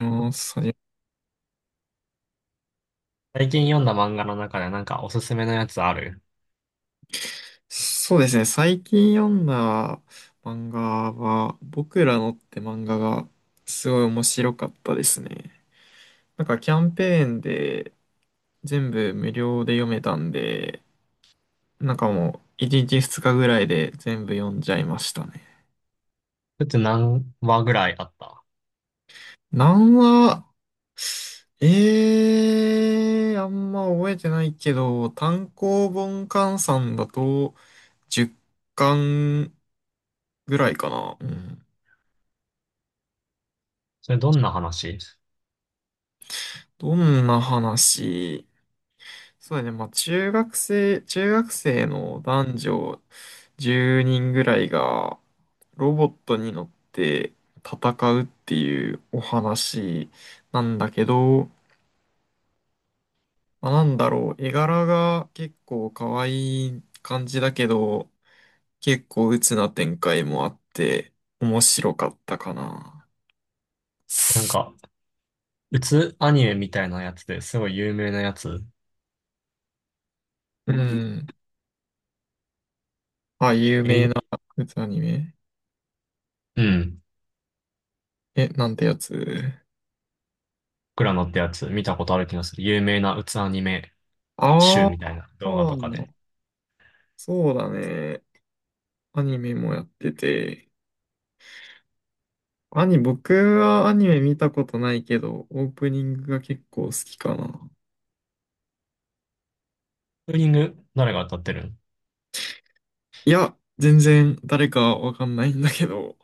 うん、そ最近読んだ漫画の中でなんかおすすめのやつある？そうですね。最近読んだ漫画は、僕らのって漫画がすごい面白かったですね。なんかキャンペーンで全部無料で読めたんで、なんかもう1日2日ぐらいで全部読んじゃいましたね。それって何話ぐらいあった？何話、ええー、あんま覚えてないけど、単行本換算だと10巻ぐらいかな。うん。それどんな話？どんな話。そうだね。まあ、中学生の男女10人ぐらいがロボットに乗って戦うっていうお話なんだけど、まあ、なんだろう。絵柄が結構可愛い感じだけど、結構鬱な展開もあって面白かったかな。なんか、うつアニメみたいなやつですごい有名なやつ。うん。あ、有メイ名なド。鬱アニメ。うん。え、なんてやつ？クラノってやつ見たことある気がする。有名なうつアニメ集あみたいな動画とかで。あ、そうだね。アニメもやってて。僕はアニメ見たことないけど、オープニングが結構好きかな。ツーリング誰が歌ってるん？いや、全然誰かわかんないんだけど、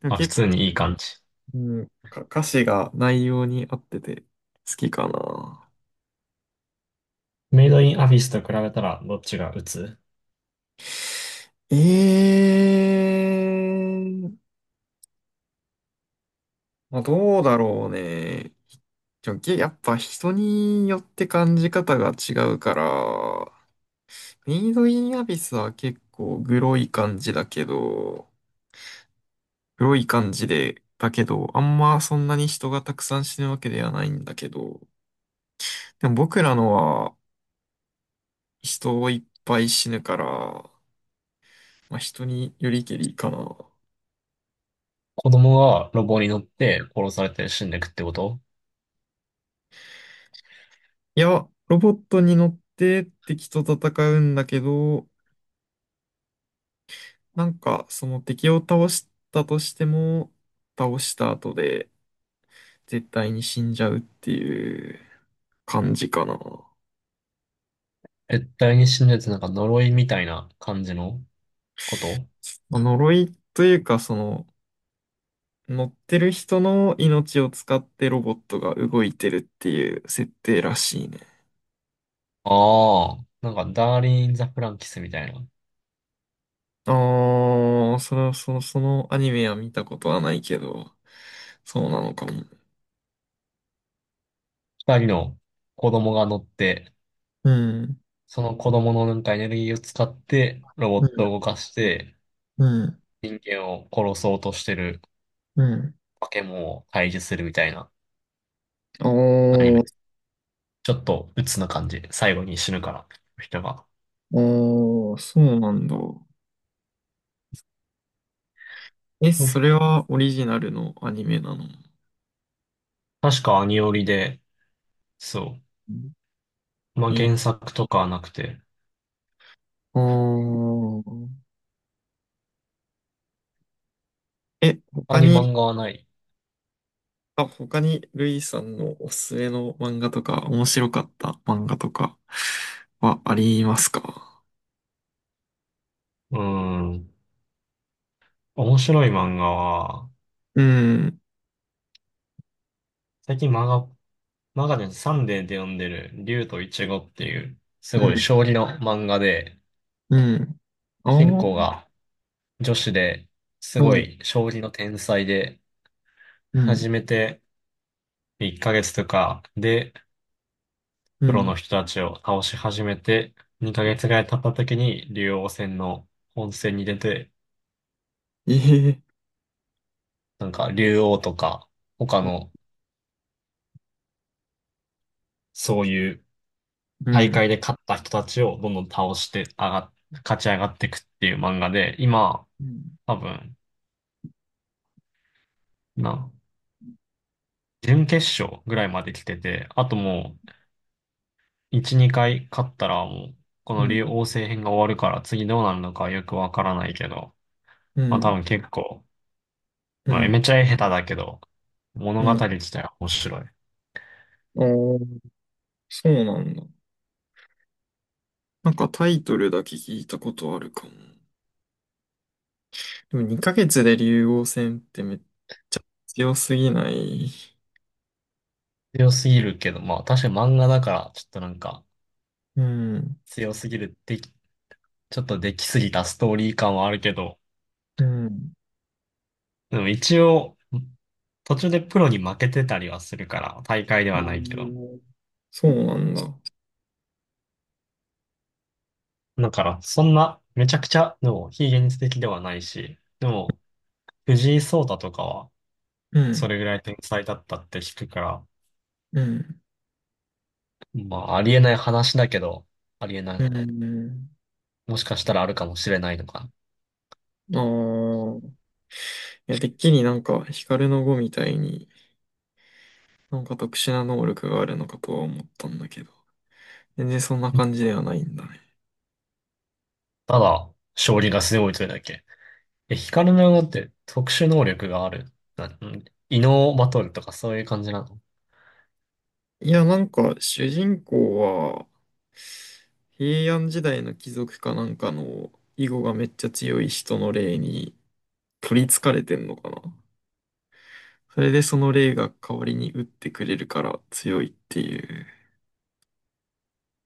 でもあ、普結構、通にいい感じ。うん、歌詞が内容に合ってて好きかな。メイドインアフィスと比べたらどっちがうつ？ええ。まあ、どうだろうね。でもやっぱ人によって感じ方が違うから、メイドインアビスは結構グロい感じで、だけど、あんまそんなに人がたくさん死ぬわけではないんだけど、でも僕らのは人をいっぱい死ぬから、まあ、人によりけりかな。子供がロボに乗って殺されて死んでくってこと？いや、ロボットに乗って敵と戦うんだけど、なんかその敵を倒したとしても、倒した後で絶対に死んじゃうっていう感じかな。絶対に死んでてなんか呪いみたいな感じのこと？まあ呪いというか、その、乗ってる人の命を使ってロボットが動いてるっていう設定らしいね。ああ、なんか、ダーリン・ザ・フランキスみたいな。ああ、それはそのアニメは見たことはないけど、そうなのかも。二人の子供が乗って、うん、その子供のなんかエネルギーを使って、ロボうットん、を動かして、うん、人間を殺そうとしてるうん。化け物を退治するみたいなアニおメ。ー、ちょっと鬱な感じ。最後に死ぬから、人が。おー、そうなんだ。え、うそん、れはオリジナルのアニメなの？確かアニオリで、そうん。う。まあ、え、原作とかはなくて、あー、え、他他にに。漫画はない。あ、他にルイさんのおすすめの漫画とか、面白かった漫画とかはありますか？うーん。面白い漫画は、うん、最近漫画マガジンサンデーで読んでる、竜とイチゴっていう、すうごいん、将棋の漫画で、うん。主人ああ、公が女子で、すうごん、い将棋の天才で、う始ん、めて1ヶ月とかで、うプロのん。人たちを倒し始めて、2ヶ月ぐらい経った時に、竜王戦の本戦に出て、ええ、なんか竜王とか、他のそういうう大ん、会で勝った人たちをどんどん倒して上がっ、勝ち上がっていくっていう漫画で、今、うん、多分、な準決勝ぐらいまで来てて、あともう、1、2回勝ったらもう、こうの竜王ん、星編が終わるから次どうなるのかはよくわからないけど、うまあ多ん、分結構、うまあん、めちゃ下手だけど、物う語ん。自体は面白い。おー、そうなんだ。なんかタイトルだけ聞いたことあるかも。でも2ヶ月で竜王戦ってめっちゃ強すぎない？強すぎるけど、まあ確かに漫画だからちょっとなんかうん、強すぎる、でき、ちょっとできすぎたストーリー感はあるけど、うん。でも一応、途中でプロに負けてたりはするから、大会ではおないけど。ー、そうなんだ。だから、そんな、めちゃくちゃ、でも、非現実的ではないし、でも、藤井聡太とかは、うそん、れぐらい天才だったって聞くから、うん、まあ、ありえない話だけど、ありえなうい。ん。もしかしたらあるかもしれないのか。ああ。いや、てっきりなんか、ヒカルの碁みたいに、なんか特殊な能力があるのかとは思ったんだけど、全然そんな感じではないんだね。ただ、将棋が強いというだけ。え、光のようって特殊能力がある。な、ん異能バトルとかそういう感じなの？いや、なんか、主人公は、平安時代の貴族かなんかの、囲碁がめっちゃ強い人の霊に、取り憑かれてんのかな。それでその霊が代わりに打ってくれるから強いっていう。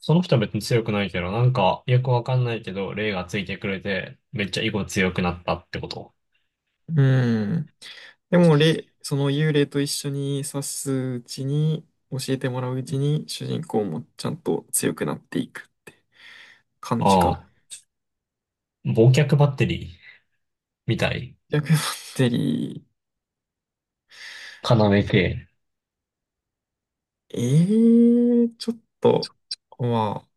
その人は別に強くないけど、なんか、よくわかんないけど、霊がついてくれて、めっちゃ囲碁強くなったってこと。うん。でも、その幽霊と一緒に指すうちに、教えてもらううちに、主人公もちゃんと強くなっていくって感じか。ああ、忘却バッテリー。みたい。逆バッテリ要系。ー、ちょっと、まあ、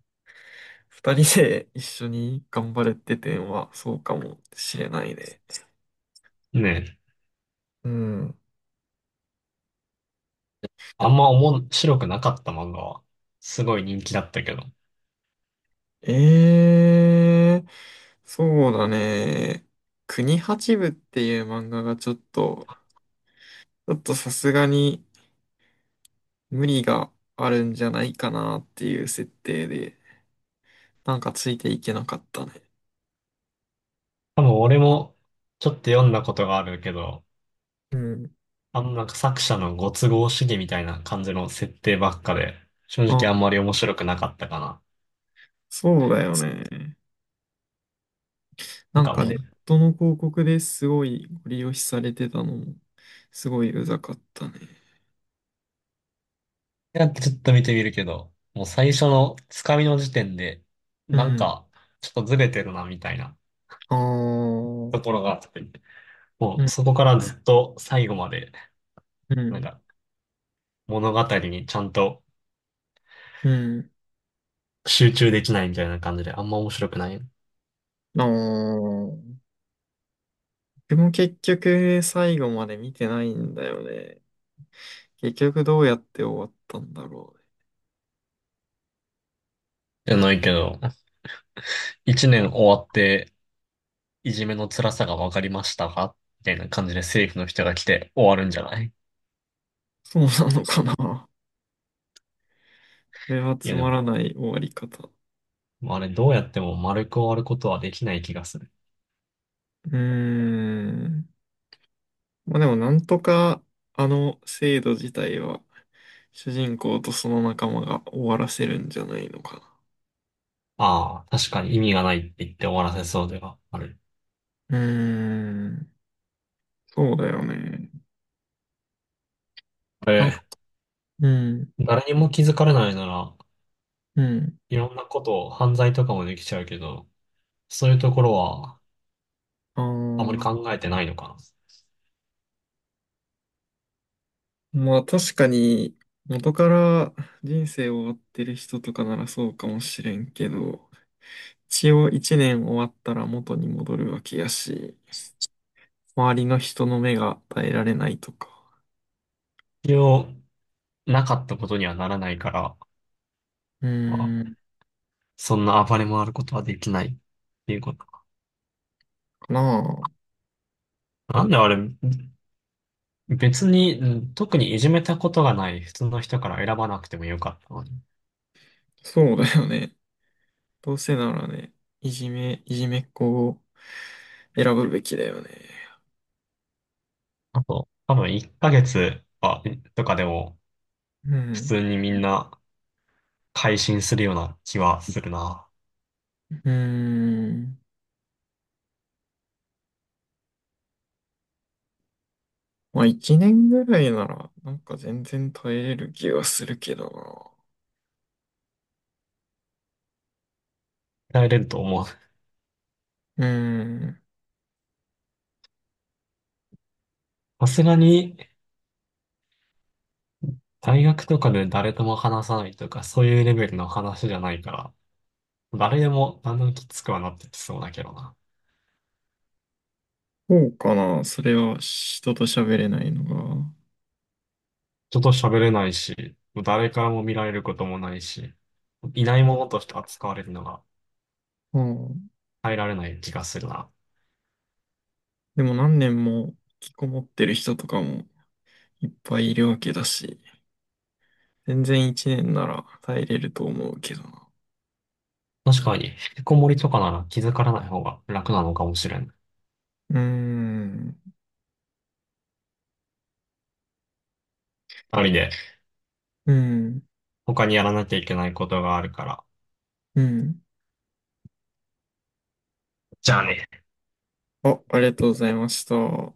二人で一緒に頑張るって点はそうかもしれないね。ねえ。うん。あんま面白くなかった漫画は？すごい人気だったけど。ええー、そうだね。国八部っていう漫画がちょっと、さすがに、無理があるんじゃないかなっていう設定で、なんかついていけなかったね。多分俺もちょっと読んだことがあるけど、うん。あんまなんか作者のご都合主義みたいな感じの設定ばっかで、正直ああ、んまり面白くなかったかな。そうだよね。ななんんかかもう、ネットの広告ですごいご利用しされてたのも、すごいうざかったね。やってちょっと見てみるけど、もう最初のつかみの時点で、うなんん。かちょっとずれてるなみたいなああ、うところがあって、もん、うそこからずっと最後まで、うなんん、か物語にちゃんとうん。集中できないみたいな感じで、あんま面白くない。ああ。でも結局最後まで見てないんだよね。結局どうやって終わったんだろうね。じゃないけど、一年終わって、いじめの辛さが分かりましたかみたいな感じで政府の人が来て終わるんじゃない？そうなのかな。これはいつやでまらない終わり方。も、あれどうやっても丸く終わることはできない気がする。うーん。まあでもなんとかあの制度自体は主人公とその仲間が終わらせるんじゃないのかああ、確かに意味がないって言って終わらせそうではある。な。うーん。そうだよね。あなんか、れ、うん。誰にも気づかれないなら、うん。いろんなことを犯罪とかもできちゃうけど、そういうところはああまりー考えてないのかな。まあ確かに元から人生を追ってる人とかならそうかもしれんけど、一応一年終わったら元に戻るわけやし、周りの人の目が耐えられないとか。必要なかったことにはならないから、うーまん。そんな暴れ回ることはできないっていうことか。かなあ。なんであれ、別に、うん、特にいじめたことがない普通の人から選ばなくてもよかったのに。そうだよね。どうせならね、いじめっ子を選ぶべきだよね。あと、多分1ヶ月は、とかでも、う普ん。通にみんな改心するような気はするな。うーん。まあ、一年ぐらいなら、なんか全然耐えれる気がするけど耐えれると思う。な。うーん。さすがに、大学とかで誰とも話さないとか、そういうレベルの話じゃないから、誰でもだんだんきつくはなってきそうだけどな。そうかな。それは人と喋れないのが。人と喋れないし、誰からも見られることもないし、いないものとして扱われるのがうん。耐えられない気がするな。でも何年も引きこもってる人とかもいっぱいいるわけだし、全然一年なら耐えれると思うけどな。確かに、引きこもりとかなら気づからない方が楽なのかもしれん。うーん。ありで、うん。他にやらなきゃいけないことがあるから。うん。じゃあね。あ、ありがとうございました。